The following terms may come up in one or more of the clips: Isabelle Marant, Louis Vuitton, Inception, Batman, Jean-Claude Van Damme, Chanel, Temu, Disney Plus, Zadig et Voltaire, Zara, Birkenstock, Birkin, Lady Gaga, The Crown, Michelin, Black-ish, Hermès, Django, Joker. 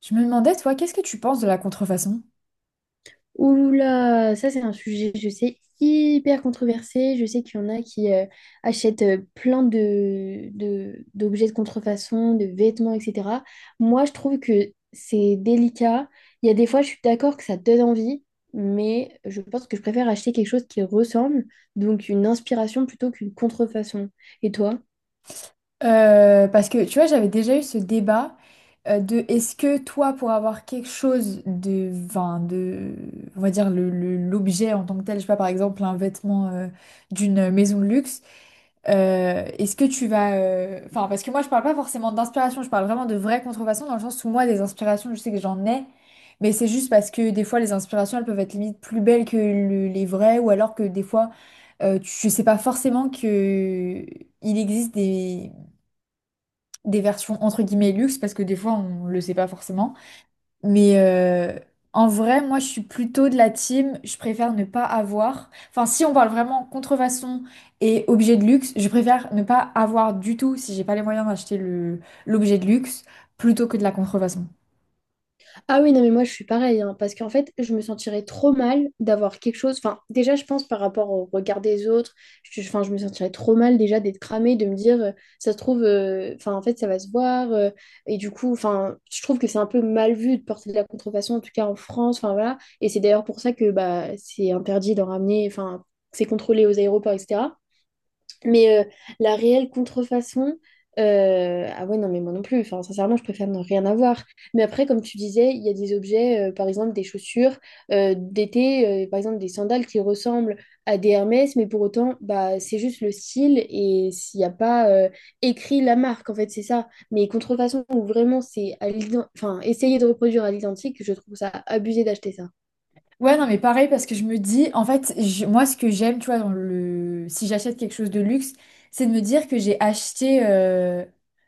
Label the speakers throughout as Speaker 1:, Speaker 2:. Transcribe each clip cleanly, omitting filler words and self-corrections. Speaker 1: Je me demandais, toi, qu'est-ce que tu penses de la contrefaçon?
Speaker 2: Ouh là, ça c'est un sujet, je sais, hyper controversé. Je sais qu'il y en a qui achètent plein de, d'objets de contrefaçon, de vêtements, etc. Moi, je trouve que c'est délicat. Il y a des fois, je suis d'accord que ça donne envie, mais je pense que je préfère acheter quelque chose qui ressemble, donc une inspiration plutôt qu'une contrefaçon. Et toi?
Speaker 1: Parce que tu vois, j'avais déjà eu ce débat de est-ce que toi, pour avoir quelque chose de, enfin, de, on va dire l'objet en tant que tel, je sais pas, par exemple un vêtement d'une maison de luxe, est-ce que tu vas, enfin, parce que moi, je parle pas forcément d'inspiration, je parle vraiment de vraies contrefaçons dans le sens où moi, des inspirations, je sais que j'en ai, mais c'est juste parce que des fois, les inspirations, elles peuvent être limite plus belles que les vraies, ou alors que des fois, tu sais pas forcément que il existe des versions entre guillemets luxe parce que des fois on le sait pas forcément. Mais en vrai, moi je suis plutôt de la team, je préfère ne pas avoir. Enfin, si on parle vraiment contrefaçon et objet de luxe, je préfère ne pas avoir du tout si j'ai pas les moyens d'acheter le l'objet de luxe plutôt que de la contrefaçon.
Speaker 2: Ah oui, non, mais moi je suis pareil, hein, parce qu'en fait, je me sentirais trop mal d'avoir quelque chose. Enfin, déjà, je pense par rapport au regard des autres, je, enfin, je me sentirais trop mal déjà d'être cramée, de me dire, ça se trouve, enfin, en fait, ça va se voir. Et du coup, enfin, je trouve que c'est un peu mal vu de porter de la contrefaçon, en tout cas en France, enfin voilà. Et c'est d'ailleurs pour ça que bah, c'est interdit d'en ramener, enfin, c'est contrôlé aux aéroports, etc. Mais euh, la réelle contrefaçon, ah ouais, non, mais moi non plus. Enfin, sincèrement, je préfère ne rien avoir. Mais après, comme tu disais, il y a des objets, par exemple des chaussures d'été, par exemple des sandales qui ressemblent à des Hermès, mais pour autant, bah, c'est juste le style et s'il n'y a pas écrit la marque, en fait, c'est ça. Mais contrefaçon, où vraiment, enfin, essayer de reproduire à l'identique, je trouve ça abusé d'acheter ça.
Speaker 1: Ouais, non, mais pareil, parce que je me dis, en fait, moi, ce que j'aime, tu vois, si j'achète quelque chose de luxe, c'est de me dire que j'ai acheté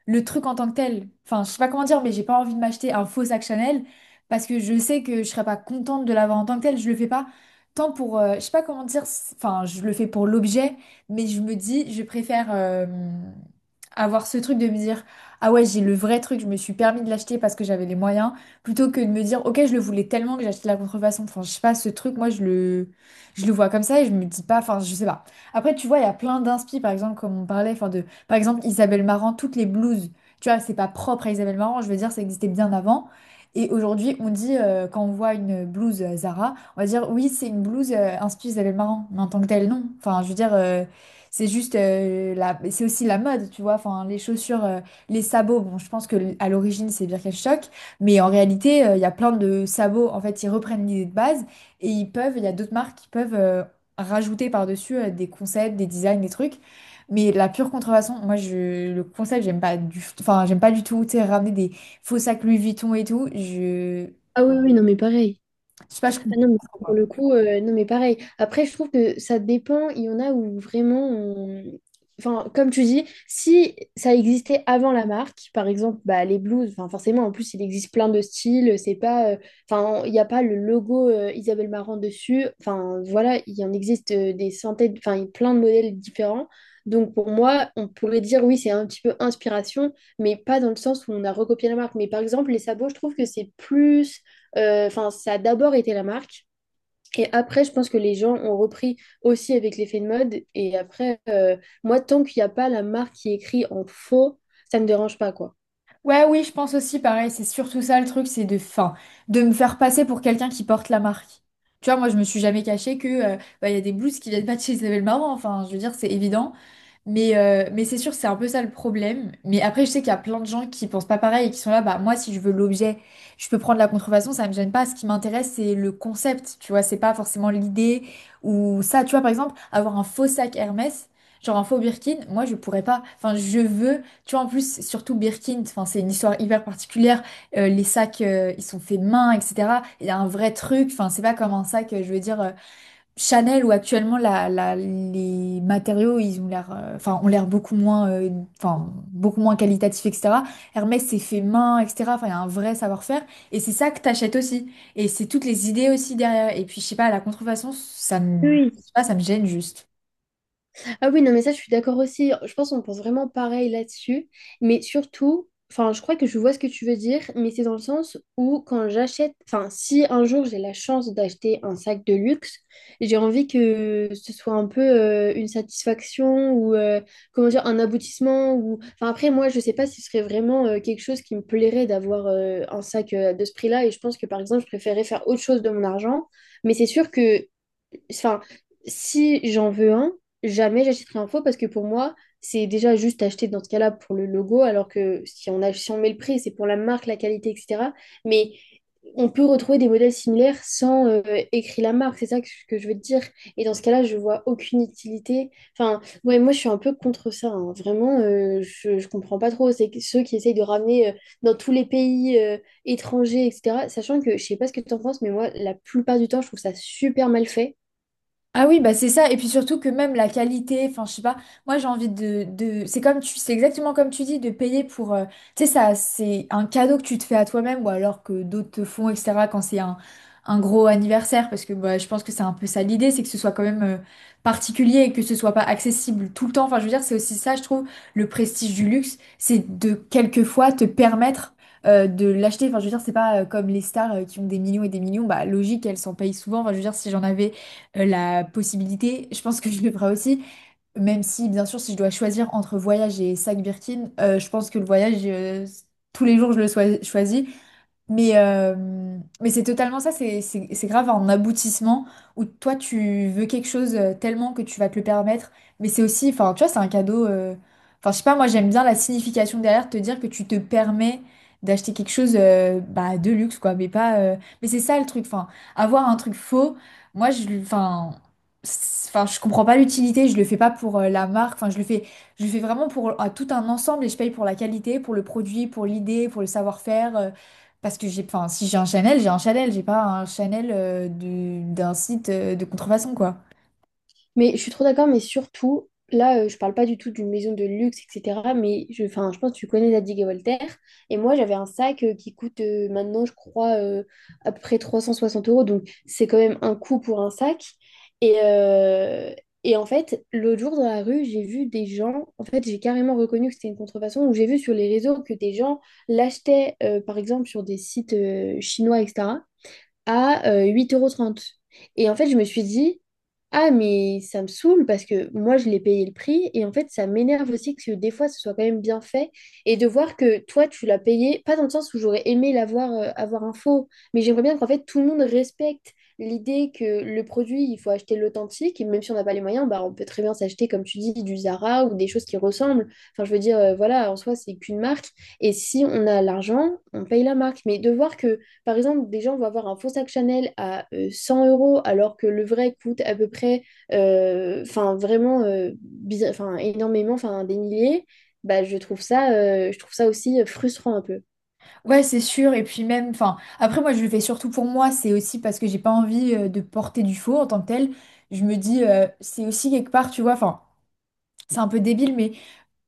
Speaker 1: le truc en tant que tel. Enfin, je sais pas comment dire, mais j'ai pas envie de m'acheter un faux sac Chanel parce que je sais que je serais pas contente de l'avoir en tant que tel. Je le fais pas tant pour, je sais pas comment dire, enfin, je le fais pour l'objet, mais je me dis, je préfère avoir ce truc de me dire, ah ouais, j'ai le vrai truc, je me suis permis de l'acheter parce que j'avais les moyens plutôt que de me dire, ok, je le voulais tellement que j'ai acheté la contrefaçon. Enfin, je sais pas, ce truc, moi, je le vois comme ça et je me dis pas, enfin, je sais pas. Après, tu vois, il y a plein d'inspi, par exemple, comme on parlait, enfin, de, par exemple, Isabelle Marant, toutes les blouses, tu vois, c'est pas propre à Isabelle Marant, je veux dire, ça existait bien avant. Et aujourd'hui, on dit, quand on voit une blouse Zara, on va dire, oui, c'est une blouse inspirée Isabelle Marant, mais en tant que telle, non. Enfin, je veux dire, c'est juste, c'est aussi la mode, tu vois, enfin, les chaussures. Les sabots, bon, je pense que à l'origine c'est Birkenstock, mais en réalité, il y a plein de sabots. En fait, ils reprennent l'idée de base et ils peuvent, il y a d'autres marques qui peuvent rajouter par-dessus des concepts, des designs, des trucs. Mais la pure contrefaçon, moi, le concept, j'aime pas du, enfin, j'aime pas du tout. Tu sais, ramener des faux sacs Louis Vuitton et tout,
Speaker 2: Ah oui, oui, non, mais pareil.
Speaker 1: je sais pas, je
Speaker 2: Ah non, mais
Speaker 1: comprends
Speaker 2: pour
Speaker 1: pas.
Speaker 2: le coup, non, mais pareil. Après, je trouve que ça dépend. Il y en a où vraiment, enfin, comme tu dis, si ça existait avant la marque, par exemple, bah, les blues, enfin, forcément, en plus, il existe plein de styles. C'est pas, enfin, il n'y a pas le logo Isabelle Marant dessus. Enfin, voilà, il en existe des centaines, enfin, il y a plein de modèles différents. Donc, pour moi, on pourrait dire, oui, c'est un petit peu inspiration, mais pas dans le sens où on a recopié la marque. Mais par exemple, les sabots, je trouve que c'est plus. Enfin, ça a d'abord été la marque. Et après, je pense que les gens ont repris aussi avec l'effet de mode. Et après, moi, tant qu'il n'y a pas la marque qui écrit en faux, ça ne me dérange pas, quoi.
Speaker 1: Ouais, oui, je pense aussi pareil. C'est surtout ça le truc, c'est de, fin, de me faire passer pour quelqu'un qui porte la marque. Tu vois, moi, je me suis jamais cachée que bah, il y a des blouses qui viennent pas de chez Isabelle Marant. Enfin, je veux dire, c'est évident. Mais c'est sûr, c'est un peu ça le problème. Mais après, je sais qu'il y a plein de gens qui pensent pas pareil et qui sont là, bah moi, si je veux l'objet, je peux prendre la contrefaçon, ça me gêne pas. Ce qui m'intéresse, c'est le concept. Tu vois, c'est pas forcément l'idée ou ça. Tu vois, par exemple, avoir un faux sac Hermès, genre un faux Birkin, moi, je pourrais pas. Enfin, je veux tu vois, en plus, surtout Birkin, enfin, c'est une histoire hyper particulière. Les sacs, ils sont faits main, etc. Il y a un vrai truc. Enfin, c'est pas comme un sac, je veux dire, Chanel où actuellement les matériaux, ils ont l'air, ont l'air beaucoup moins, beaucoup moins qualitatifs, etc. Hermès, c'est fait main, etc. Enfin, il y a un vrai savoir-faire. Et c'est ça que t'achètes aussi. Et c'est toutes les idées aussi derrière. Et puis, je sais pas, la contrefaçon, je sais pas, ça me gêne juste.
Speaker 2: Ah oui, non, mais ça, je suis d'accord aussi. Je pense qu'on pense vraiment pareil là-dessus. Mais surtout, enfin, je crois que je vois ce que tu veux dire, mais c'est dans le sens où quand j'achète, enfin, si un jour j'ai la chance d'acheter un sac de luxe, j'ai envie que ce soit un peu une satisfaction ou, comment dire, un aboutissement. Ou... Enfin, après, moi, je sais pas si ce serait vraiment quelque chose qui me plairait d'avoir un sac de ce prix-là. Et je pense que, par exemple, je préférais faire autre chose de mon argent. Mais c'est sûr que enfin, si j'en veux un, jamais j'achèterai un faux parce que pour moi, c'est déjà juste acheter dans ce cas-là pour le logo, alors que si on, a, si on met le prix, c'est pour la marque, la qualité, etc. Mais on peut retrouver des modèles similaires sans écrire la marque, c'est ça que je veux te dire. Et dans ce cas-là, je vois aucune utilité. Enfin, ouais, moi, je suis un peu contre ça, hein. Vraiment, je comprends pas trop. C'est que ceux qui essayent de ramener dans tous les pays étrangers, etc. Sachant que je sais pas ce que tu en penses, mais moi, la plupart du temps, je trouve ça super mal fait.
Speaker 1: Ah oui, bah c'est ça. Et puis surtout que même la qualité, enfin je sais pas, moi j'ai envie c'est c'est exactement comme tu dis, de payer pour... tu sais, ça, c'est un cadeau que tu te fais à toi-même ou alors que d'autres te font, etc. quand c'est un gros anniversaire. Parce que bah, je pense que c'est un peu ça l'idée, c'est que ce soit quand même particulier et que ce soit pas accessible tout le temps. Enfin je veux dire, c'est aussi ça, je trouve, le prestige du luxe, c'est de quelquefois te permettre... de l'acheter, enfin je veux dire c'est pas comme les stars qui ont des millions et des millions, bah logique elles s'en payent souvent, enfin je veux dire si j'en avais la possibilité, je pense que je le ferai aussi, même si bien sûr si je dois choisir entre voyage et sac Birkin, je pense que le voyage, tous les jours je le choisis, mais, c'est totalement ça, c'est grave un aboutissement où toi tu veux quelque chose tellement que tu vas te le permettre, mais c'est aussi, enfin tu vois, c'est un cadeau, enfin je sais pas, moi j'aime bien la signification derrière, te dire que tu te permets d'acheter quelque chose bah, de luxe quoi, mais pas, mais c'est ça le truc, enfin avoir un truc faux, enfin, enfin je comprends pas l'utilité, je le fais pas pour la marque, enfin je le fais vraiment pour tout un ensemble et je paye pour la qualité, pour le produit, pour l'idée, pour le savoir-faire. Parce que j'ai, enfin, si j'ai un Chanel, j'ai un Chanel, j'ai pas un Chanel d'un site de contrefaçon, quoi.
Speaker 2: Mais je suis trop d'accord, mais surtout, là, je parle pas du tout d'une maison de luxe, etc. Mais je, enfin, je pense que tu connais Zadig et Voltaire. Et moi, j'avais un sac qui coûte maintenant, je crois, à peu près 360 euros. Donc, c'est quand même un coût pour un sac. Et, euh, et en fait, l'autre jour dans la rue, j'ai vu des gens. En fait, j'ai carrément reconnu que c'était une contrefaçon. Ou j'ai vu sur les réseaux que des gens l'achetaient, par exemple, sur des sites chinois, etc. à 8,30 euros. Trente. Et en fait, je me suis dit, ah, mais ça me saoule parce que moi, je l'ai payé le prix. Et en fait, ça m'énerve aussi que des fois, ce soit quand même bien fait. Et de voir que toi, tu l'as payé, pas dans le sens où j'aurais aimé l'avoir avoir un faux, mais j'aimerais bien qu'en fait, tout le monde respecte l'idée que le produit, il faut acheter l'authentique. Et même si on n'a pas les moyens, bah, on peut très bien s'acheter, comme tu dis, du Zara ou des choses qui ressemblent. Enfin, je veux dire, voilà, en soi, c'est qu'une marque. Et si on a l'argent, on paye la marque. Mais de voir que par exemple, déjà, on va avoir un faux sac Chanel à 100 euros, alors que le vrai coûte à peu près, enfin, vraiment, enfin, énormément, enfin, des milliers. Bah, je trouve ça aussi frustrant un peu.
Speaker 1: Ouais, c'est sûr. Et puis même, enfin, après moi, je le fais surtout pour moi. C'est aussi parce que j'ai pas envie de porter du faux en tant que tel. Je me dis, c'est aussi quelque part, tu vois, enfin, c'est un peu débile, mais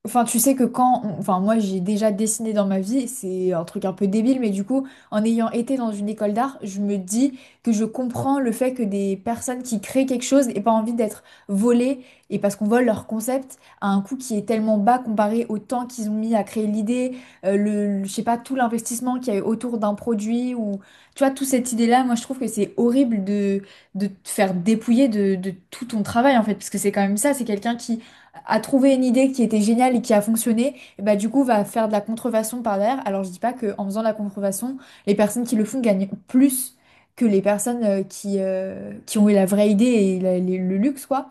Speaker 1: enfin, tu sais que quand, enfin, moi j'ai déjà dessiné dans ma vie, c'est un truc un peu débile, mais du coup, en ayant été dans une école d'art, je me dis que je comprends le fait que des personnes qui créent quelque chose n'aient pas envie d'être volées, et parce qu'on vole leur concept à un coût qui est tellement bas comparé au temps qu'ils ont mis à créer l'idée, je sais pas, tout l'investissement qu'il y a eu autour d'un produit, ou tu vois, toute cette idée-là, moi je trouve que c'est horrible de te faire dépouiller de tout ton travail en fait, parce que c'est quand même ça, c'est quelqu'un qui a trouvé une idée qui était géniale et qui a fonctionné, et bah du coup va faire de la contrefaçon par derrière. Alors je dis pas que en faisant de la contrefaçon, les personnes qui le font gagnent plus que les personnes qui ont eu la vraie idée et le luxe quoi.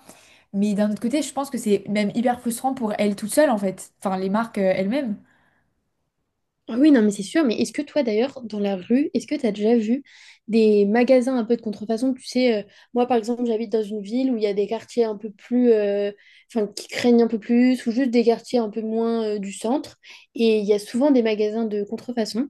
Speaker 1: Mais d'un autre côté, je pense que c'est même hyper frustrant pour elles toutes seules en fait, enfin les marques elles-mêmes.
Speaker 2: Ah oui, non, mais c'est sûr. Mais est-ce que toi, d'ailleurs, dans la rue, est-ce que tu as déjà vu des magasins un peu de contrefaçon? Tu sais, moi, par exemple, j'habite dans une ville où il y a des quartiers un peu plus, enfin, qui craignent un peu plus, ou juste des quartiers un peu moins, du centre. Et il y a souvent des magasins de contrefaçon.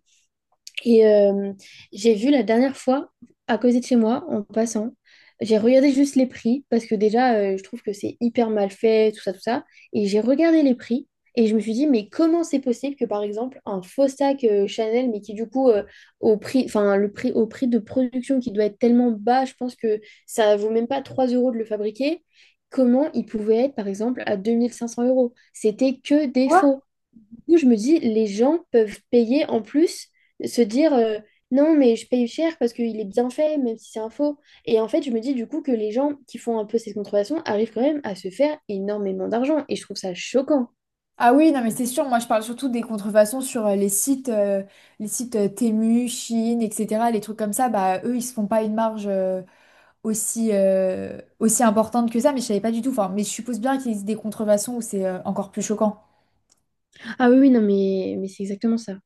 Speaker 2: Et j'ai vu la dernière fois, à côté de chez moi, en passant, j'ai regardé juste les prix, parce que déjà, je trouve que c'est hyper mal fait, tout ça, tout ça. Et j'ai regardé les prix, et je me suis dit, mais comment c'est possible que, par exemple, un faux sac Chanel, mais qui du coup, au prix, enfin, le prix, au prix de production qui doit être tellement bas, je pense que ça vaut même pas 3 € de le fabriquer, comment il pouvait être, par exemple, à 2500 euros? C'était que des faux du coup, je me dis, les gens peuvent payer en plus, se dire non, mais je paye cher parce qu'il est bien fait, même si c'est un faux. Et en fait, je me dis du coup que les gens qui font un peu cette contrefaçon arrivent quand même à se faire énormément d'argent. Et je trouve ça choquant.
Speaker 1: Ah oui, non mais c'est sûr, moi je parle surtout des contrefaçons sur les sites Temu, Chine, etc. Les trucs comme ça, bah eux ils se font pas une marge. Aussi importante que ça, mais je savais pas du tout. Enfin, mais je suppose bien qu'il existe des contrefaçons où c'est encore plus choquant.
Speaker 2: Ah oui, oui, non, mais c'est exactement ça.